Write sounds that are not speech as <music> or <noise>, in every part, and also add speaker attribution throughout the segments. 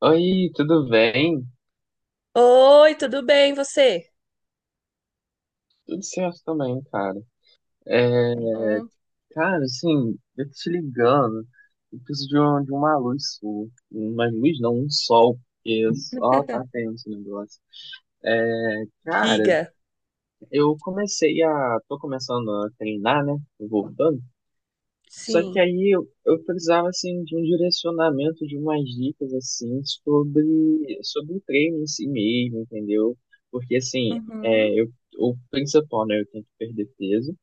Speaker 1: Oi, tudo bem?
Speaker 2: Oi, tudo bem, você?
Speaker 1: Tudo certo também, cara. É,
Speaker 2: Bom,
Speaker 1: cara, assim, eu tô te ligando. Eu preciso de uma luz sua. Uma luz não, um sol. Porque só
Speaker 2: <laughs>
Speaker 1: tá tenso o negócio. É, cara,
Speaker 2: Diga.
Speaker 1: Tô começando a treinar, né? Voltando. Só que
Speaker 2: Sim.
Speaker 1: aí eu precisava assim de um direcionamento, de umas dicas assim sobre o treino em si mesmo, entendeu? Porque assim, é,
Speaker 2: Uhum.
Speaker 1: eu, o principal, né, eu tenho que perder peso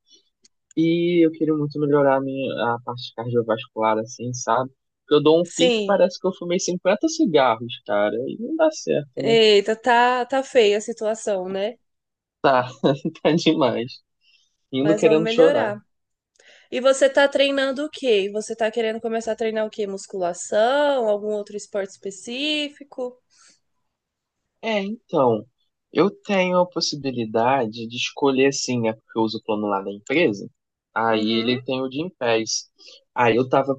Speaker 1: e eu queria muito melhorar a parte cardiovascular assim, sabe? Porque eu dou um pique,
Speaker 2: Sim.
Speaker 1: parece que eu fumei 50 cigarros, cara, e não dá certo, né?
Speaker 2: Eita, tá, tá feia a situação, né?
Speaker 1: Tá, <laughs> tá demais. Indo
Speaker 2: Mas vamos
Speaker 1: querendo chorar.
Speaker 2: melhorar. E você tá treinando o quê? Você tá querendo começar a treinar o quê? Musculação? Algum outro esporte específico?
Speaker 1: É, então, eu tenho a possibilidade de escolher, assim, é porque eu uso o plano lá da empresa, aí
Speaker 2: Uhum.
Speaker 1: ele tem o Gym Pass. Aí eu tava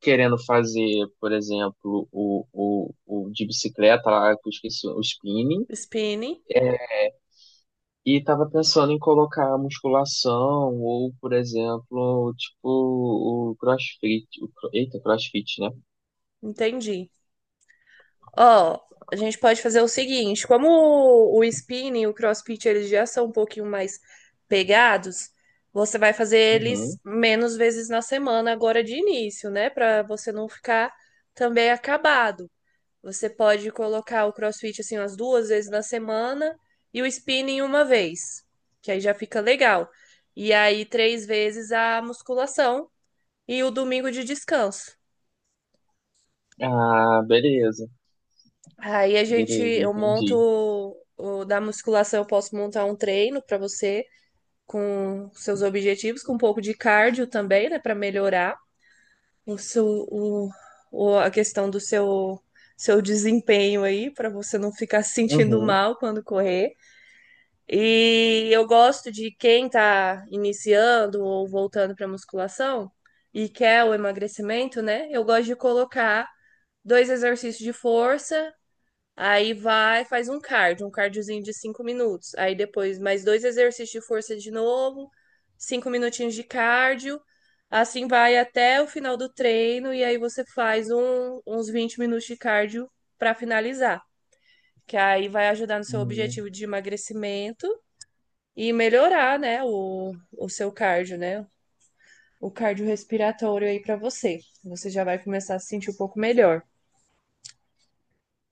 Speaker 1: querendo fazer, por exemplo, o de bicicleta lá, que eu esqueci, o spinning,
Speaker 2: Spinning.
Speaker 1: e tava pensando em colocar a musculação, ou, por exemplo, tipo, o CrossFit, eita, CrossFit, né?
Speaker 2: Entendi. Ó, a gente pode fazer o seguinte, como o spinning e o crossfit eles já são um pouquinho mais pegados, você vai fazer eles
Speaker 1: Uhum.
Speaker 2: menos vezes na semana agora de início, né? Pra você não ficar também acabado. Você pode colocar o crossfit assim umas 2 vezes na semana e o spinning 1 vez, que aí já fica legal. E aí 3 vezes a musculação e o domingo de descanso.
Speaker 1: Ah, beleza,
Speaker 2: Aí a gente,
Speaker 1: beleza,
Speaker 2: eu monto
Speaker 1: entendi.
Speaker 2: o, da musculação, eu posso montar um treino para você com seus objetivos, com um pouco de cardio também, né, para melhorar o seu, o, a questão do seu, seu desempenho aí, para você não ficar se sentindo
Speaker 1: Uhum.
Speaker 2: mal quando correr. E eu gosto de quem tá iniciando ou voltando para musculação e quer o emagrecimento, né? Eu gosto de colocar dois exercícios de força. Aí vai, faz um cardio, um cardiozinho de 5 minutos. Aí depois mais dois exercícios de força de novo, 5 minutinhos de cardio. Assim vai até o final do treino e aí você faz uns 20 minutos de cardio para finalizar, que aí vai ajudar no seu
Speaker 1: Hum.
Speaker 2: objetivo de emagrecimento e melhorar, né, o seu cardio, né? O cardio respiratório aí para você. Você já vai começar a se sentir um pouco melhor.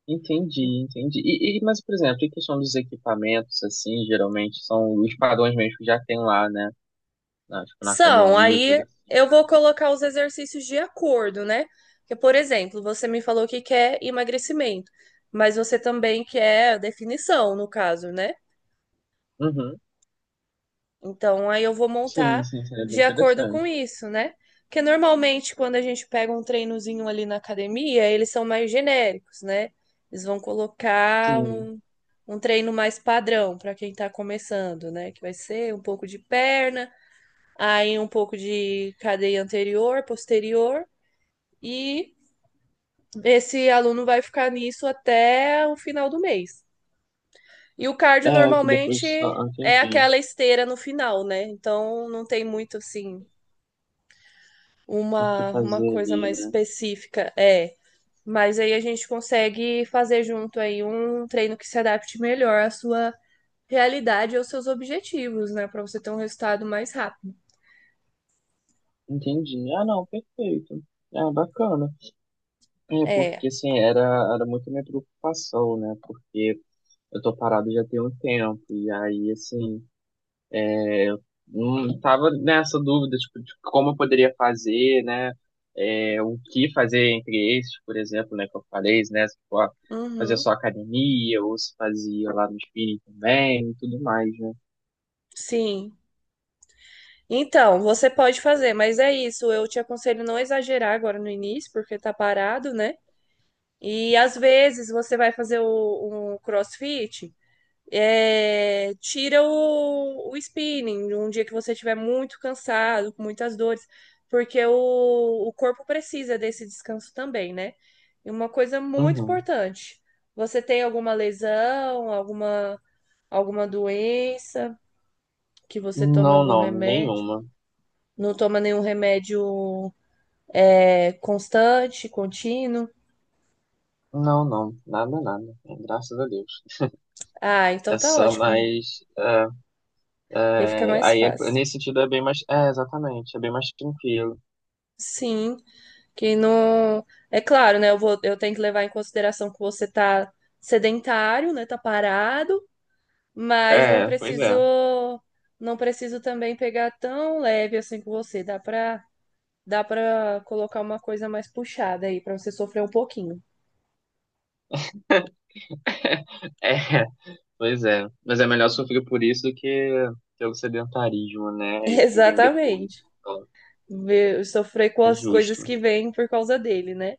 Speaker 1: Entendi, entendi. Mas, por exemplo, em questão dos equipamentos, assim, geralmente são os padrões mesmo que já tem lá, né? Na, tipo, na
Speaker 2: São,
Speaker 1: academia, coisa
Speaker 2: aí
Speaker 1: assim,
Speaker 2: eu
Speaker 1: né?
Speaker 2: vou colocar os exercícios de acordo, né? Porque, por exemplo, você me falou que quer emagrecimento, mas você também quer definição, no caso, né?
Speaker 1: Uhum.
Speaker 2: Então, aí eu vou
Speaker 1: Sim,
Speaker 2: montar
Speaker 1: sim, seria bem
Speaker 2: de acordo com
Speaker 1: interessante.
Speaker 2: isso, né? Porque normalmente, quando a gente pega um treinozinho ali na academia, eles são mais genéricos, né? Eles vão colocar
Speaker 1: Sim.
Speaker 2: um, um treino mais padrão para quem tá começando, né? Que vai ser um pouco de perna, aí um pouco de cadeia anterior, posterior, e esse aluno vai ficar nisso até o final do mês. E o cardio
Speaker 1: É, que
Speaker 2: normalmente
Speaker 1: depois só ah,
Speaker 2: é
Speaker 1: entendi
Speaker 2: aquela esteira no final, né? Então não tem muito assim
Speaker 1: o que
Speaker 2: uma
Speaker 1: fazer
Speaker 2: coisa
Speaker 1: ali,
Speaker 2: mais
Speaker 1: né?
Speaker 2: específica. É. Mas aí a gente consegue fazer junto aí um treino que se adapte melhor à sua realidade e aos seus objetivos, né? Para você ter um resultado mais rápido.
Speaker 1: Entendi. Ah, não, perfeito. Ah, bacana. É,
Speaker 2: É.
Speaker 1: porque, assim, era muito minha preocupação, né? Porque eu tô parado já tem um tempo, e aí, assim, não tava nessa dúvida, tipo, de como eu poderia fazer, né? É, o que fazer entre esses, por exemplo, né? Que eu falei, né? Se for fazer
Speaker 2: Uhum.
Speaker 1: só academia, ou se fazia lá no spinning também, e tudo mais, né?
Speaker 2: Sim, então, você pode fazer, mas é isso. Eu te aconselho não exagerar agora no início, porque tá parado, né? E às vezes você vai fazer o CrossFit, é, tira o spinning, um dia que você estiver muito cansado, com muitas dores, porque o corpo precisa desse descanso também, né? E uma coisa muito
Speaker 1: Uhum.
Speaker 2: importante: você tem alguma lesão, alguma, alguma doença, que você tome
Speaker 1: Não,
Speaker 2: algum
Speaker 1: não,
Speaker 2: remédio?
Speaker 1: nenhuma.
Speaker 2: Não toma nenhum remédio é, constante, contínuo.
Speaker 1: Não, não, nada, nada. Graças a Deus.
Speaker 2: Ah, então
Speaker 1: É
Speaker 2: tá
Speaker 1: só
Speaker 2: ótimo.
Speaker 1: mais.
Speaker 2: Aí fica
Speaker 1: é,
Speaker 2: mais
Speaker 1: aí, é-
Speaker 2: fácil.
Speaker 1: nesse sentido, é bem mais. É, exatamente, é bem mais tranquilo.
Speaker 2: Sim, que não. É claro, né? Eu vou, eu tenho que levar em consideração que você tá sedentário, né? Tá parado, mas não
Speaker 1: É, pois
Speaker 2: preciso,
Speaker 1: é.
Speaker 2: não preciso também pegar tão leve assim com você. Dá pra colocar uma coisa mais puxada aí, pra você sofrer um pouquinho.
Speaker 1: É, pois é. Mas é melhor sofrer por isso do que ter o sedentarismo, né?
Speaker 2: <laughs>
Speaker 1: E que vem depois.
Speaker 2: Exatamente.
Speaker 1: Então,
Speaker 2: Sofrer com
Speaker 1: é
Speaker 2: as coisas
Speaker 1: justo.
Speaker 2: que vêm por causa dele, né?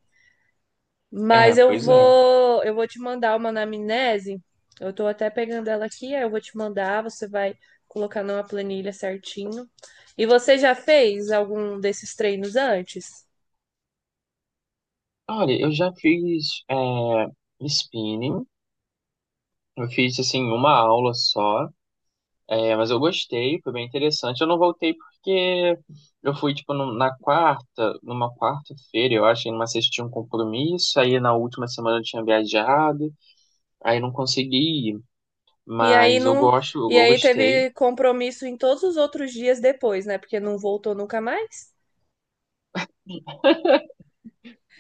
Speaker 1: É,
Speaker 2: Mas
Speaker 1: pois é.
Speaker 2: eu vou te mandar uma anamnese. Eu tô até pegando ela aqui, aí eu vou te mandar, você vai colocar numa planilha certinho. E você já fez algum desses treinos antes?
Speaker 1: Olha, eu já fiz spinning. Eu fiz, assim, uma aula só. É, mas eu gostei, foi bem interessante. Eu não voltei porque eu fui, tipo, na quarta, numa quarta-feira, eu acho, e numa sexta eu tinha um compromisso. Aí na última semana eu tinha viajado. Aí não consegui ir.
Speaker 2: E aí
Speaker 1: Mas eu
Speaker 2: não,
Speaker 1: gosto, eu
Speaker 2: e aí
Speaker 1: gostei.
Speaker 2: teve compromisso em todos os outros dias depois, né? Porque não voltou nunca mais.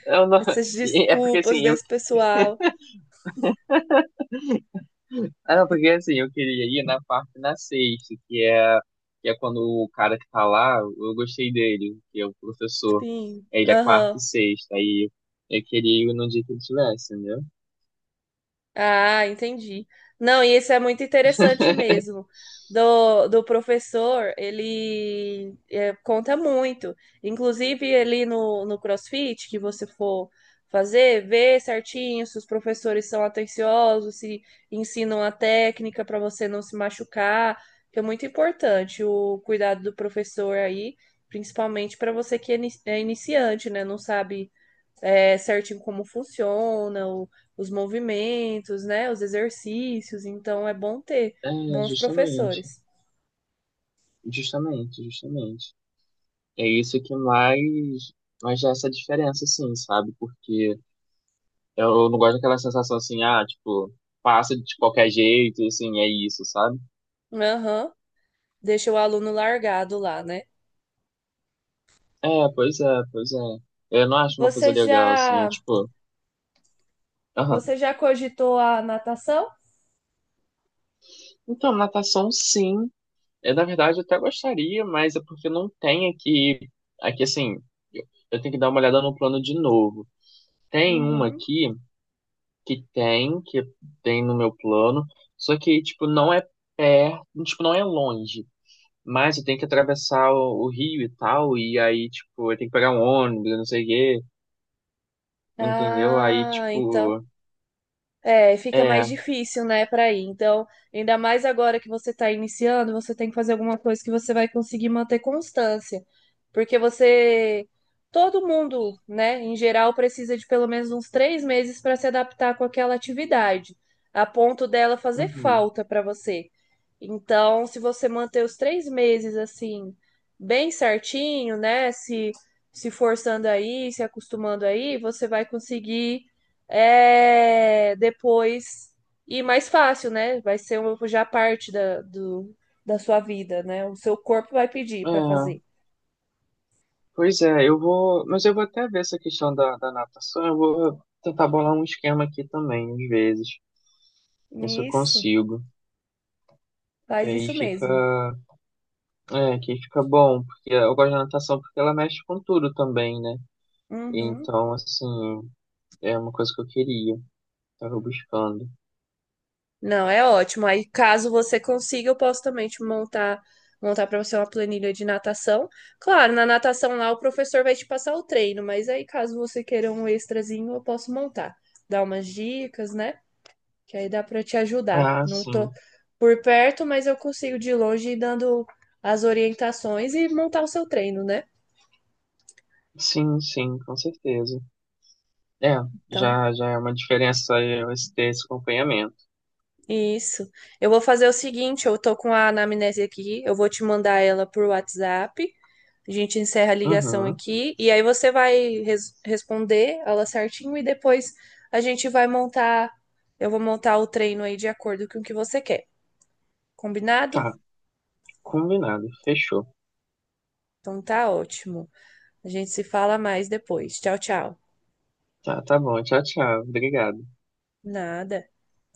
Speaker 1: Eu não-
Speaker 2: Essas
Speaker 1: <laughs> É porque
Speaker 2: desculpas
Speaker 1: assim, eu
Speaker 2: desse pessoal.
Speaker 1: Ah, não, porque assim, eu queria ir na parte na sexta, que é, quando o cara que tá lá, eu gostei dele, que é o professor.
Speaker 2: Sim.
Speaker 1: É, ele é quarta
Speaker 2: Aham.
Speaker 1: e sexta, aí eu queria ir no dia que ele tivesse, entendeu?
Speaker 2: Ah, entendi. Não, e isso é muito interessante
Speaker 1: <laughs>
Speaker 2: mesmo. Do, do professor, ele é, conta muito. Inclusive, ali no, no CrossFit, que você for fazer, vê certinho se os professores são atenciosos, se ensinam a técnica para você não se machucar, que é muito importante o cuidado do professor aí, principalmente para você que é é iniciante, né? Não sabe é, certinho como funciona, os movimentos, né? Os exercícios. Então é bom ter
Speaker 1: É,
Speaker 2: bons
Speaker 1: justamente,
Speaker 2: professores.
Speaker 1: justamente, justamente. É isso que mais dá essa diferença, assim, sabe? Porque eu não gosto daquela sensação assim, ah, tipo, passa de qualquer jeito, assim, é isso, sabe?
Speaker 2: Aham. Deixa o aluno largado lá, né?
Speaker 1: É, pois é, pois é. Eu não acho uma coisa
Speaker 2: Você
Speaker 1: legal, assim,
Speaker 2: já,
Speaker 1: tipo, aham.
Speaker 2: você já cogitou a natação?
Speaker 1: Então, natação sim. É, na verdade, eu até gostaria, mas é porque não tem aqui. Aqui, assim, eu tenho que dar uma olhada no plano de novo. Tem uma
Speaker 2: Uhum.
Speaker 1: aqui que tem no meu plano, só que, tipo, não é perto, tipo, não é longe. Mas eu tenho que atravessar o rio e tal, e aí, tipo, eu tenho que pegar um ônibus, eu não sei o quê, entendeu? Aí,
Speaker 2: Ah, então.
Speaker 1: tipo,
Speaker 2: É, fica mais
Speaker 1: é.
Speaker 2: difícil, né, para ir. Então, ainda mais agora que você está iniciando, você tem que fazer alguma coisa que você vai conseguir manter constância. Porque você, todo mundo, né, em geral, precisa de pelo menos uns 3 meses para se adaptar com aquela atividade, a ponto dela fazer
Speaker 1: Uhum,
Speaker 2: falta para você. Então, se você manter os 3 meses assim, bem certinho, né, se forçando aí, se acostumando aí, você vai conseguir é, depois ir mais fácil, né? Vai ser uma, já parte da, do, da sua vida, né? O seu corpo vai pedir para
Speaker 1: é.
Speaker 2: fazer.
Speaker 1: Pois é, eu vou. Mas eu vou até ver essa questão da natação. Eu vou tentar bolar um esquema aqui também, às vezes. Ver se eu
Speaker 2: Isso,
Speaker 1: consigo. Que
Speaker 2: faz
Speaker 1: aí
Speaker 2: isso
Speaker 1: fica.
Speaker 2: mesmo.
Speaker 1: É, que aí fica bom. Porque eu gosto da natação porque ela mexe com tudo também, né?
Speaker 2: Uhum.
Speaker 1: Então, assim, é uma coisa que eu queria. Tava buscando.
Speaker 2: Não, é ótimo. Aí, caso você consiga, eu posso também te montar montar para você uma planilha de natação. Claro, na natação lá o professor vai te passar o treino, mas aí caso você queira um extrazinho, eu posso montar, dar umas dicas, né? Que aí dá para te ajudar.
Speaker 1: Ah,
Speaker 2: Não tô
Speaker 1: sim.
Speaker 2: por perto, mas eu consigo de longe ir dando as orientações e montar o seu treino, né?
Speaker 1: Sim, sim, com certeza. É,
Speaker 2: Então,
Speaker 1: já, já é uma diferença eu ter esse acompanhamento.
Speaker 2: isso. Eu vou fazer o seguinte, eu tô com a anamnese aqui, eu vou te mandar ela por WhatsApp. A gente encerra a ligação
Speaker 1: Uhum.
Speaker 2: aqui e aí você vai responder ela certinho e depois a gente vai montar, eu vou montar o treino aí de acordo com o que você quer. Combinado?
Speaker 1: Tá, combinado. Fechou.
Speaker 2: Então tá ótimo. A gente se fala mais depois. Tchau, tchau.
Speaker 1: Tá, tá bom. Tchau, tchau. Obrigado.
Speaker 2: Nada.